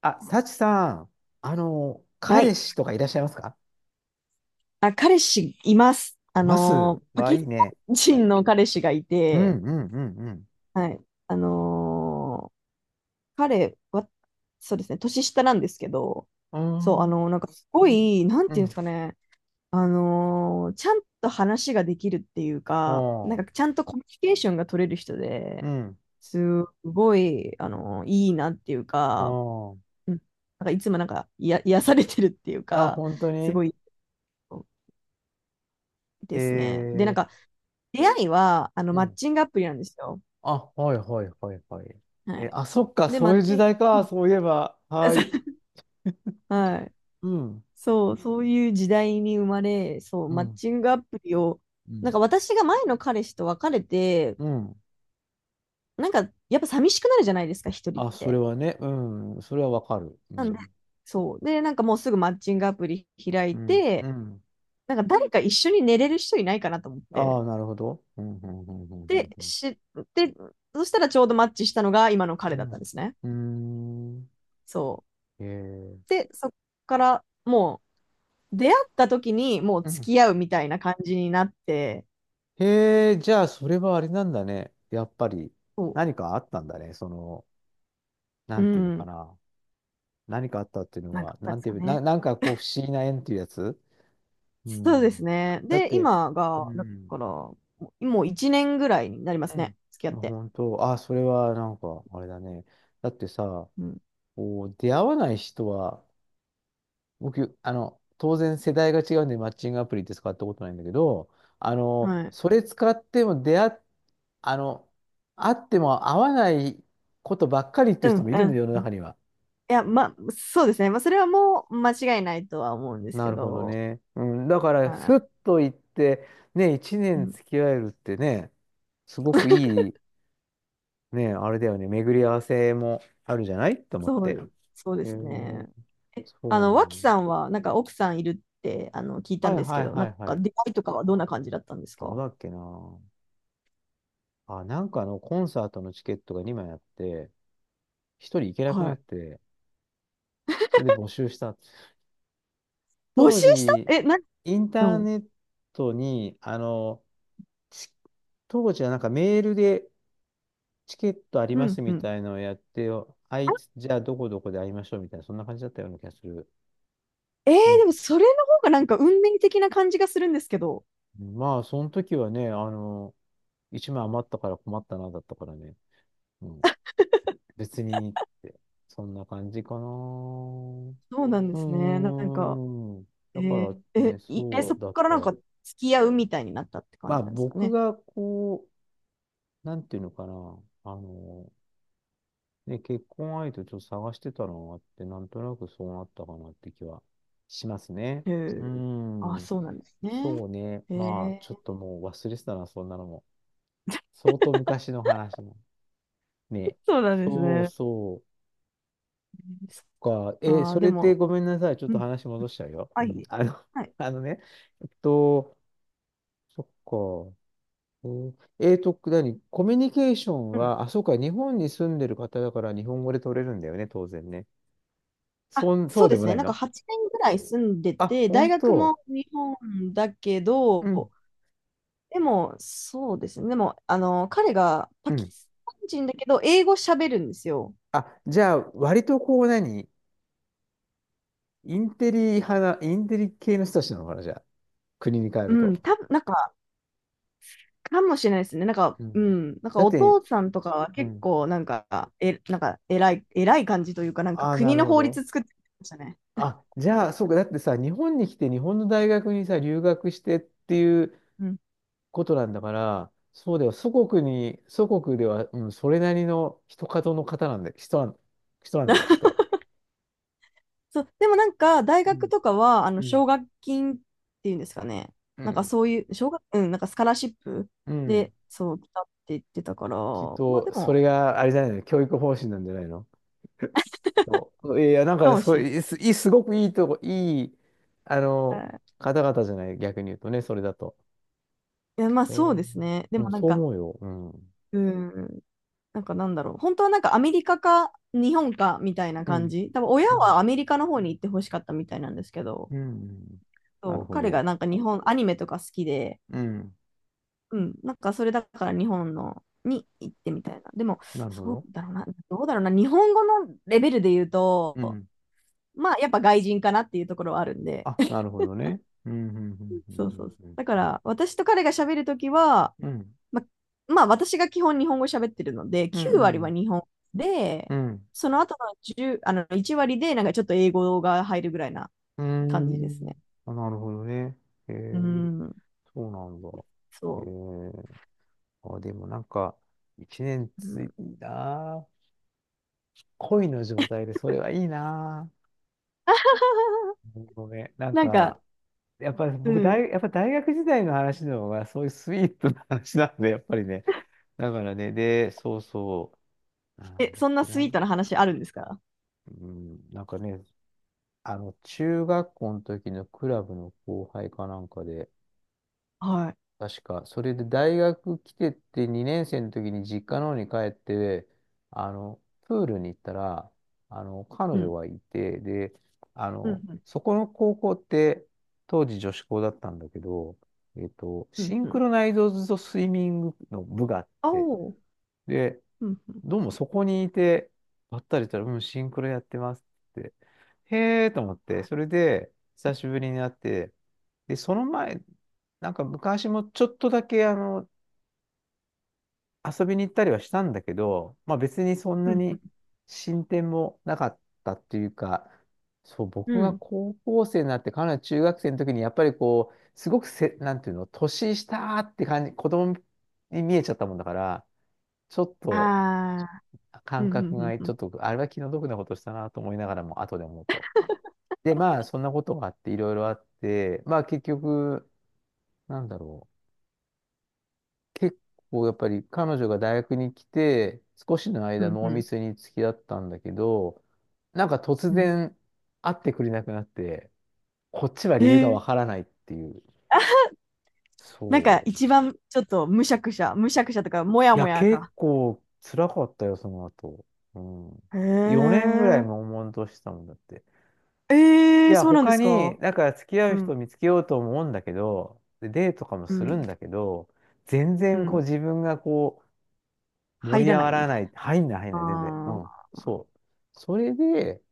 あ、サチさん、は彼い。氏とかいらっしゃいますか？あ、彼氏います。ますパはキいスいね。タン人の彼氏がいうん、うて、ん、うん、うん。はい。あのー彼は、そうですね、年下なんですけど、うーそう、ん、なんかすごい、なんうていうんでん、すかね、ちゃんと話ができるっていうあか、なんかー、ちゃんとコミュニケーションが取れる人うで、ん、すごい、いいなっていうあか、ー、うん、なんかいつもなんか、いや、癒されてるっていうあ、か、本当すに。ごいえですね。で、なんか、ー、出会いは、うマッん。チングアプリなんですよ。あ、はい、はい、はい、はい。はえー、い。あ、そっか、で、マそうッいう時チング、代か、そういえば。はい。はい。うん、そう、そういう時代に生まれ、そう、うマッん、チングアプリを、うなんん、か私が前の彼氏と別れて、うん。なんか、やっぱ寂しくなるじゃないですか、一人っあ、それて。はね、うん、それはわかる。うなんで、ん、そう。で、なんかもうすぐマッチングアプリ開ういん、うて、ん。なんか誰か一緒に寝れる人いないかなと思っあて。あ、なるほど。うん、うん、で、うん、し、で、そしたらちょうどマッチしたのが今のう彼だったんでん、すね。うん。うん。うん。うーん。そへえ。う。で、そこから、もう、出会った時にもうう付ん。き合うみたいな感じになって、へえ、じゃあ、それはあれなんだね。やっぱり、そ何かあったんだね。その、なう、うんていうのかん、な。何かあったっていうのなんかは、あったなんんですていかう、な、ね。なんかこう、不思議な縁っていうやつ。うそうでん。すね。だっで、て、今うが、だから、ん。もう1年ぐらいになりまうすね、ん。付き合っまあ、て。本当、あ、それはなんか、あれだね。だってさ、うん、こう、出会わない人は、僕、当然世代が違うんで、マッチングアプリって使ったことないんだけど、あの、はい。それ使っても出会っあの、あっても合わないことばっかりってういう人ん、もいるの、う世のん。中には。いや、ま、そうですね。まあ、それはもう間違いないとは思うんですなけるほどど、ね。うん、だから、はふい。っと行って、ね、一う年ん、付き合えるってね、すごくいい、ね、あれだよね、巡り合わせもあるじゃないと思っそて。う、そうでへえ、すね。そえ、うな脇んだ。さんは、なんか奥さんいるって、聞いたはんいですはけいど、なはんいはかい。出会いとかはどんな感じだったんですどうか？だっけな。あ、コンサートのチケットが2枚あって、1人行けなくはなっい。て、それで募集した。募当集した。時、え、な、インうターんネットに、ち当時はなんかメールでチケットありうますんうみん。たいのをやって、あいつ、じゃあどこどこで会いましょうみたいな、そんな感じだったような気がする。えー、うん、でもそれの方がなんか運命的な感じがするんですけど、まあ、その時はね、1枚余ったから困ったな、だったからね。うん、別にって、そんな感じかな。うそうなんですね。なーんか、ん。えだからーね、え、いえ、そそうこだっからなんかた。付き合うみたいになったってま感あじなんですか僕ね。がこう、なんていうのかな。あので、結婚相手をちょっと探してたのがあって、なんとなくそうなったかなって気はしますね。えうーー、あ、ん。そうなんですね。そうね。えまあ、ちょっとー、もう忘れてたな、そんなのも。相当昔の話の。ね。そうなんですそうね。そう。そそっっか。え、か、そでれっても、ごめんなさい。ちょっうとん、話戻しちゃうよ。はうん。い、はい、あのね。えっと、そっか。何コミュニケーションうん。は、あ、そうか、日本に住んでる方だから日本語で取れるんだよね、当然ね。あ、そそううででもすなね。いなんかの？8年ぐらい住んであ、て、大本学当。も日本だけうど、ん。でも、そうですね。でも、彼がパうキん。スタン人だけど、英語喋るんですよ。あ、じゃあ、割とこう何、インテリ派な、インテリ系の人たちなのかな、じゃあ。国に帰うるん、と。多分なんか、かもしれないですね。なんか、ううん。ん、なんかだっおて、父さんとかはう結ん。構、なんか、え、なんか、偉い、偉い感じというか、なんかああ、な国るのほ法ど。律作ってましたね。あ、じゃあ、そうか。だってさ、日本に来て日本の大学にさ、留学してっていううん。ことなんだから、そうだよ。祖国に、祖国では、うん、それなりの人角の方なんだ、人なんだよ、きっと。そう、でもなんか、大う学ん。とかは、う奨ん。学金っていうんですかね。うなんかん。そういう、うん、なんかスカラシップうん。で、そう、来たって言ってたから、きっまあでと、そも、れがあれじゃないの、教育方針なんじゃないの？そう。いや、なんかか、もそしう、れいすいいすごくいいとこ、あの、ない。方々じゃない、逆に言うとね、それだと。いや、まあそうえですね。でー、うもん、なんそうか、思うよ。うん。うん。なんかなんだろう。本当はなんかアメリカか日本かみたいなう感ん。じ。多分親うん。はアメリカの方に行ってほしかったみたいなんですけど、うん。なそるうほ彼がど。なんか日本、アニメとか好きで、うん。うん、なんかそれだから日本のに行ってみたいな。でも、なるほそうど。だろうな、どうだろうな、日本語のレベルで言ううと、ん。まあやっぱ外人かなっていうところはあるんで、あ、なるほどね。うん。そうそうそう。うん。だから私と彼が喋るときは、うん。うん。ま、まあ私が基本日本語喋ってるので、う9割はん。日本で、うん。うん。その後の1あの1割でなんかちょっと英語が入るぐらいなう感じですん。ね。あ、なるほどね。えうー、ん、そうなんだ。えそう。ー、あ、でもなんか、一年うついん、たな。恋の状態で、それはいいな ぁ。ごめん。なんなんか、か、やっぱりう僕大、ん。やっぱ大学時代の話の方が、そういうスイートな話なんで、やっぱりね。だからね、で、そうそう、なんえ、だっそんなけスな。イートな話あるんですか？うん、なんかね、中学校の時のクラブの後輩かなんかで、はい。確か。それで大学来てって2年生の時に実家の方に帰って、プールに行ったら、彼う女ん。がいて、で、うん。そこの高校って、当時女子校だったんだけど、うシん。ンうクん。ロナイズドスイミングの部があっおて、お。で、うん。どうもそこにいて、ばったりしたら、うん、シンクロやってますって。へえと思って、それで、久しぶりに会って、で、その前、なんか昔もちょっとだけ、遊びに行ったりはしたんだけど、まあ別にそんうなん。に進展もなかったっていうか、そう、う僕がん。高校生になって、かなり中学生の時に、やっぱりこう、すごくせ、なんていうの、年下って感じ、子供に見えちゃったもんだから、ちょっと、ああー。う感ん。覚うん。がうちょん。っと、あれは気の毒なことしたなと思いながらも、後で思うと。で、まあ、そんなことがあって、いろいろあって、まあ、結局、なんだろう。結構、やっぱり彼女が大学に来て、少しのう間、ん。う濃んうん密に付き合ったんだけど、なんか突うん。然、会ってくれなくなって、こっちはへ理由がわえ。からないっていう。なんそかう。一番ちょっとむしゃくしゃ、むしゃくしゃとか、もいやもや、や結か。構、辛かったよ、その後。うん。へ4年ぐらいえ。悶々としたもんだって。えいえ、や、そうなんで他すに、か？だから付き合うう人をん、見つけようと思うんだけど、でデートとかもうするん、んだけど、全う然こうん。自分がこう盛入りら上ながいみらたいない、入んない入んな。ない、全然。うん、ああ。そう。それで、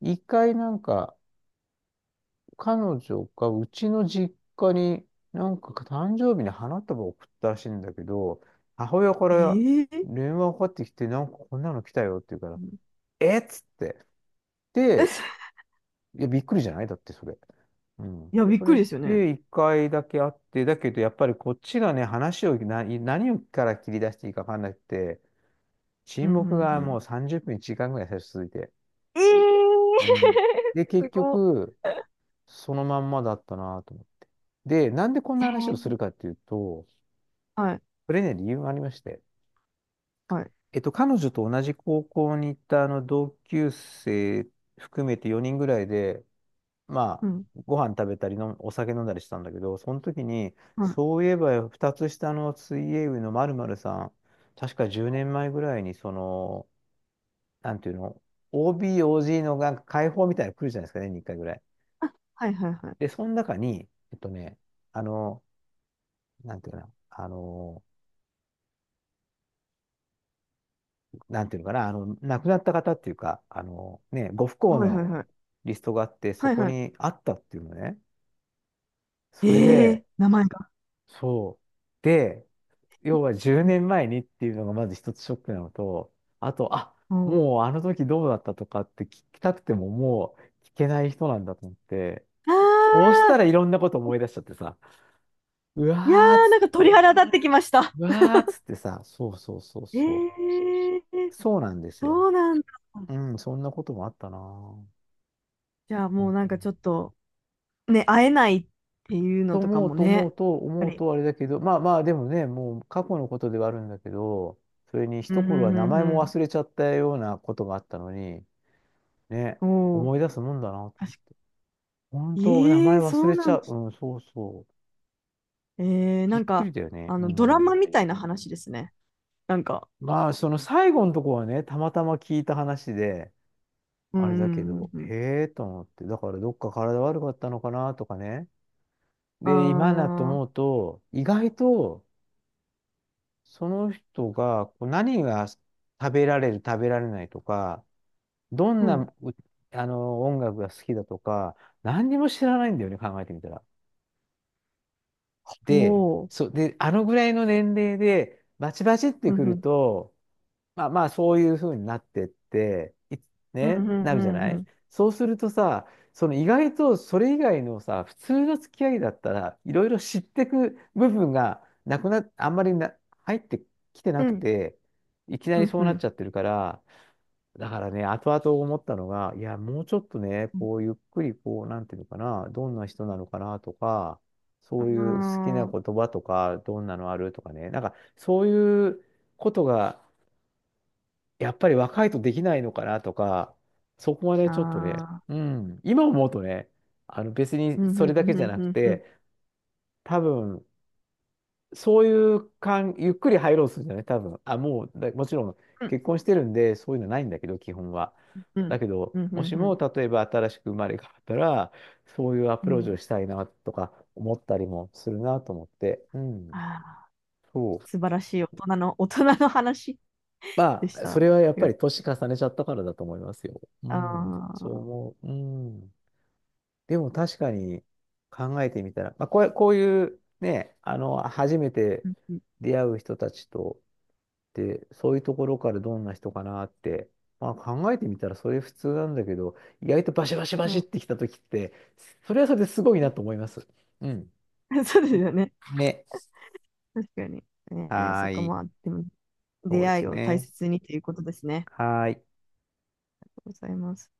一回なんか、彼女がうちの実家に、なんか誕生日に花束を送ったらしいんだけど、母親からええ。電話がかかってきて、なんかこんなの来たよって言うから、うん。えっつって。で、え、いや、びっくりじゃないだってそれ。うん。いや、びっそくれりですよね。で一回だけ会って、だけどやっぱりこっちがね、話をな、何をから切り出していいか分かんなくて、うん、沈う黙ん、うがもん。う30分、1時間ぐらい最初続いて。ええ。 うん。で、す結ごっ。局、そのまんまだったなと思って。で、なんでこんな話をすええ、るかっていうと、はい、これね、理由がありまして、はい。彼女と同じ高校に行ったあの同級生含めて4人ぐらいで、まうあ、ん、ご飯食べたりの、お酒飲んだりしたんだけど、その時に、はい。そういえば2つ下の水泳部の〇〇さん、確か10年前ぐらいに、その、なんていうの、OB、OG のなんか解放みたいなの来るじゃないですかね、2回ぐらい。あ、はい、はい、はい。で、その中に、えっとね、あの、なんていうかな、あの、なんていうのかな、あの、亡くなった方っていうか、あの、ね、ご不幸はい、はい、のはい。リストがあって、そはい、こはい。にあったっていうのね。それええ、で、名前が。そう。で、要は10うん。年前にっていうのがまず一つショックなのと、あと、あ、おう。もうあの時どうだったとかって聞きたくてももう聞けない人なんだと思って、あそうしたあ、らいろんなこと思い出しちゃってさ、ういやわーー、なつ、んか鳥肌立ってきました。うわーつってさ、そうそうそうえそえ、う。そうなんですよ。そうなんだ。うん、そんなこともあったなぁ。じゃあも本うな当んかちに。ょっと。ね、会えないっていうとのとか思うもとね。や思っうとぱ思うり。とあれだけど、まあまあでもね、もう過去のことではあるんだけど、それにうん一頃は名うん前うもん忘れちゃったようなことがあったのに、ね、うん。おお。思い出すもんだなと思確う。か。本当、名ええ前ー、忘そうれなちんゃう。です。うん、そうそう。えびなっんくか、りだよね。うドラマん。みたいな話ですね。なんか、まあ、その最後のとこはね、たまたま聞いた話で、うんうあれだけんど、うん。へえと思って、だからどっか体悪かったのかなとかね。あで、今だなあ、思うと、意外と、その人がこう何が食べられる、食べられないとか、どんうなん。うあの音楽が好きだとか、何にも知らないんだよね、考えてみたら。おで、お。そう、で、あのぐらいの年齢で、バチバチってうんくうるん。と、まあまあ、そういうふうになってって、うんうんなうるじゃんなうい？ん。そうするとさ、その意外とそれ以外のさ、普通の付き合いだったら、いろいろ知ってく部分がなくな、あんまりな、入ってきてうなくん。て、いきなうりんそうなっうちゃってるから、だからね、後々思ったのが、いや、もうちょっとね、ん。こう、ゆっくり、こう、なんていうのかな、どんな人なのかなとか、そういう好きなあ言葉とか、どんなのあるとかね、なんか、そういうことが、やっぱり若いとできないのかなとか、そこはね、あ、ちょっとね、ああ、うん、今思うとね、別うにんうそれんうだけんじゃなうくんうん。て、多分、そういう感、ゆっくり入ろうとするんじゃない多分。あ、もう、だもちろんうん。結婚してるんで、そういうのないんだけど、基本は。うだんけど、うんうんもしうも、ん。例えば新しく生まれ変わったら、そういうアうプローチをん。したいなとか思ったりもするなと思って。うあん。あ、そう。素晴らしい大人の話でましあ、た。そあれはやっりぱがとりうございます。年重ねちゃったからだと思いますよ。うあん。そうあ、思う。うん。でも確かに考えてみたら、まあ、こう、こういうね、初めてうんうん出会う人たちと、で、そういうところからどんな人かなって、まあ考えてみたらそれ普通なんだけど、意外とバシバシバうシっん。 てきた時って、それはそれですごいなと思います。うん。そうですよね。ね。確かに。えはそっーか、い。まあ、でも、そ出うで会すいを大ね。切にということですね。はーい。ありがとうございます。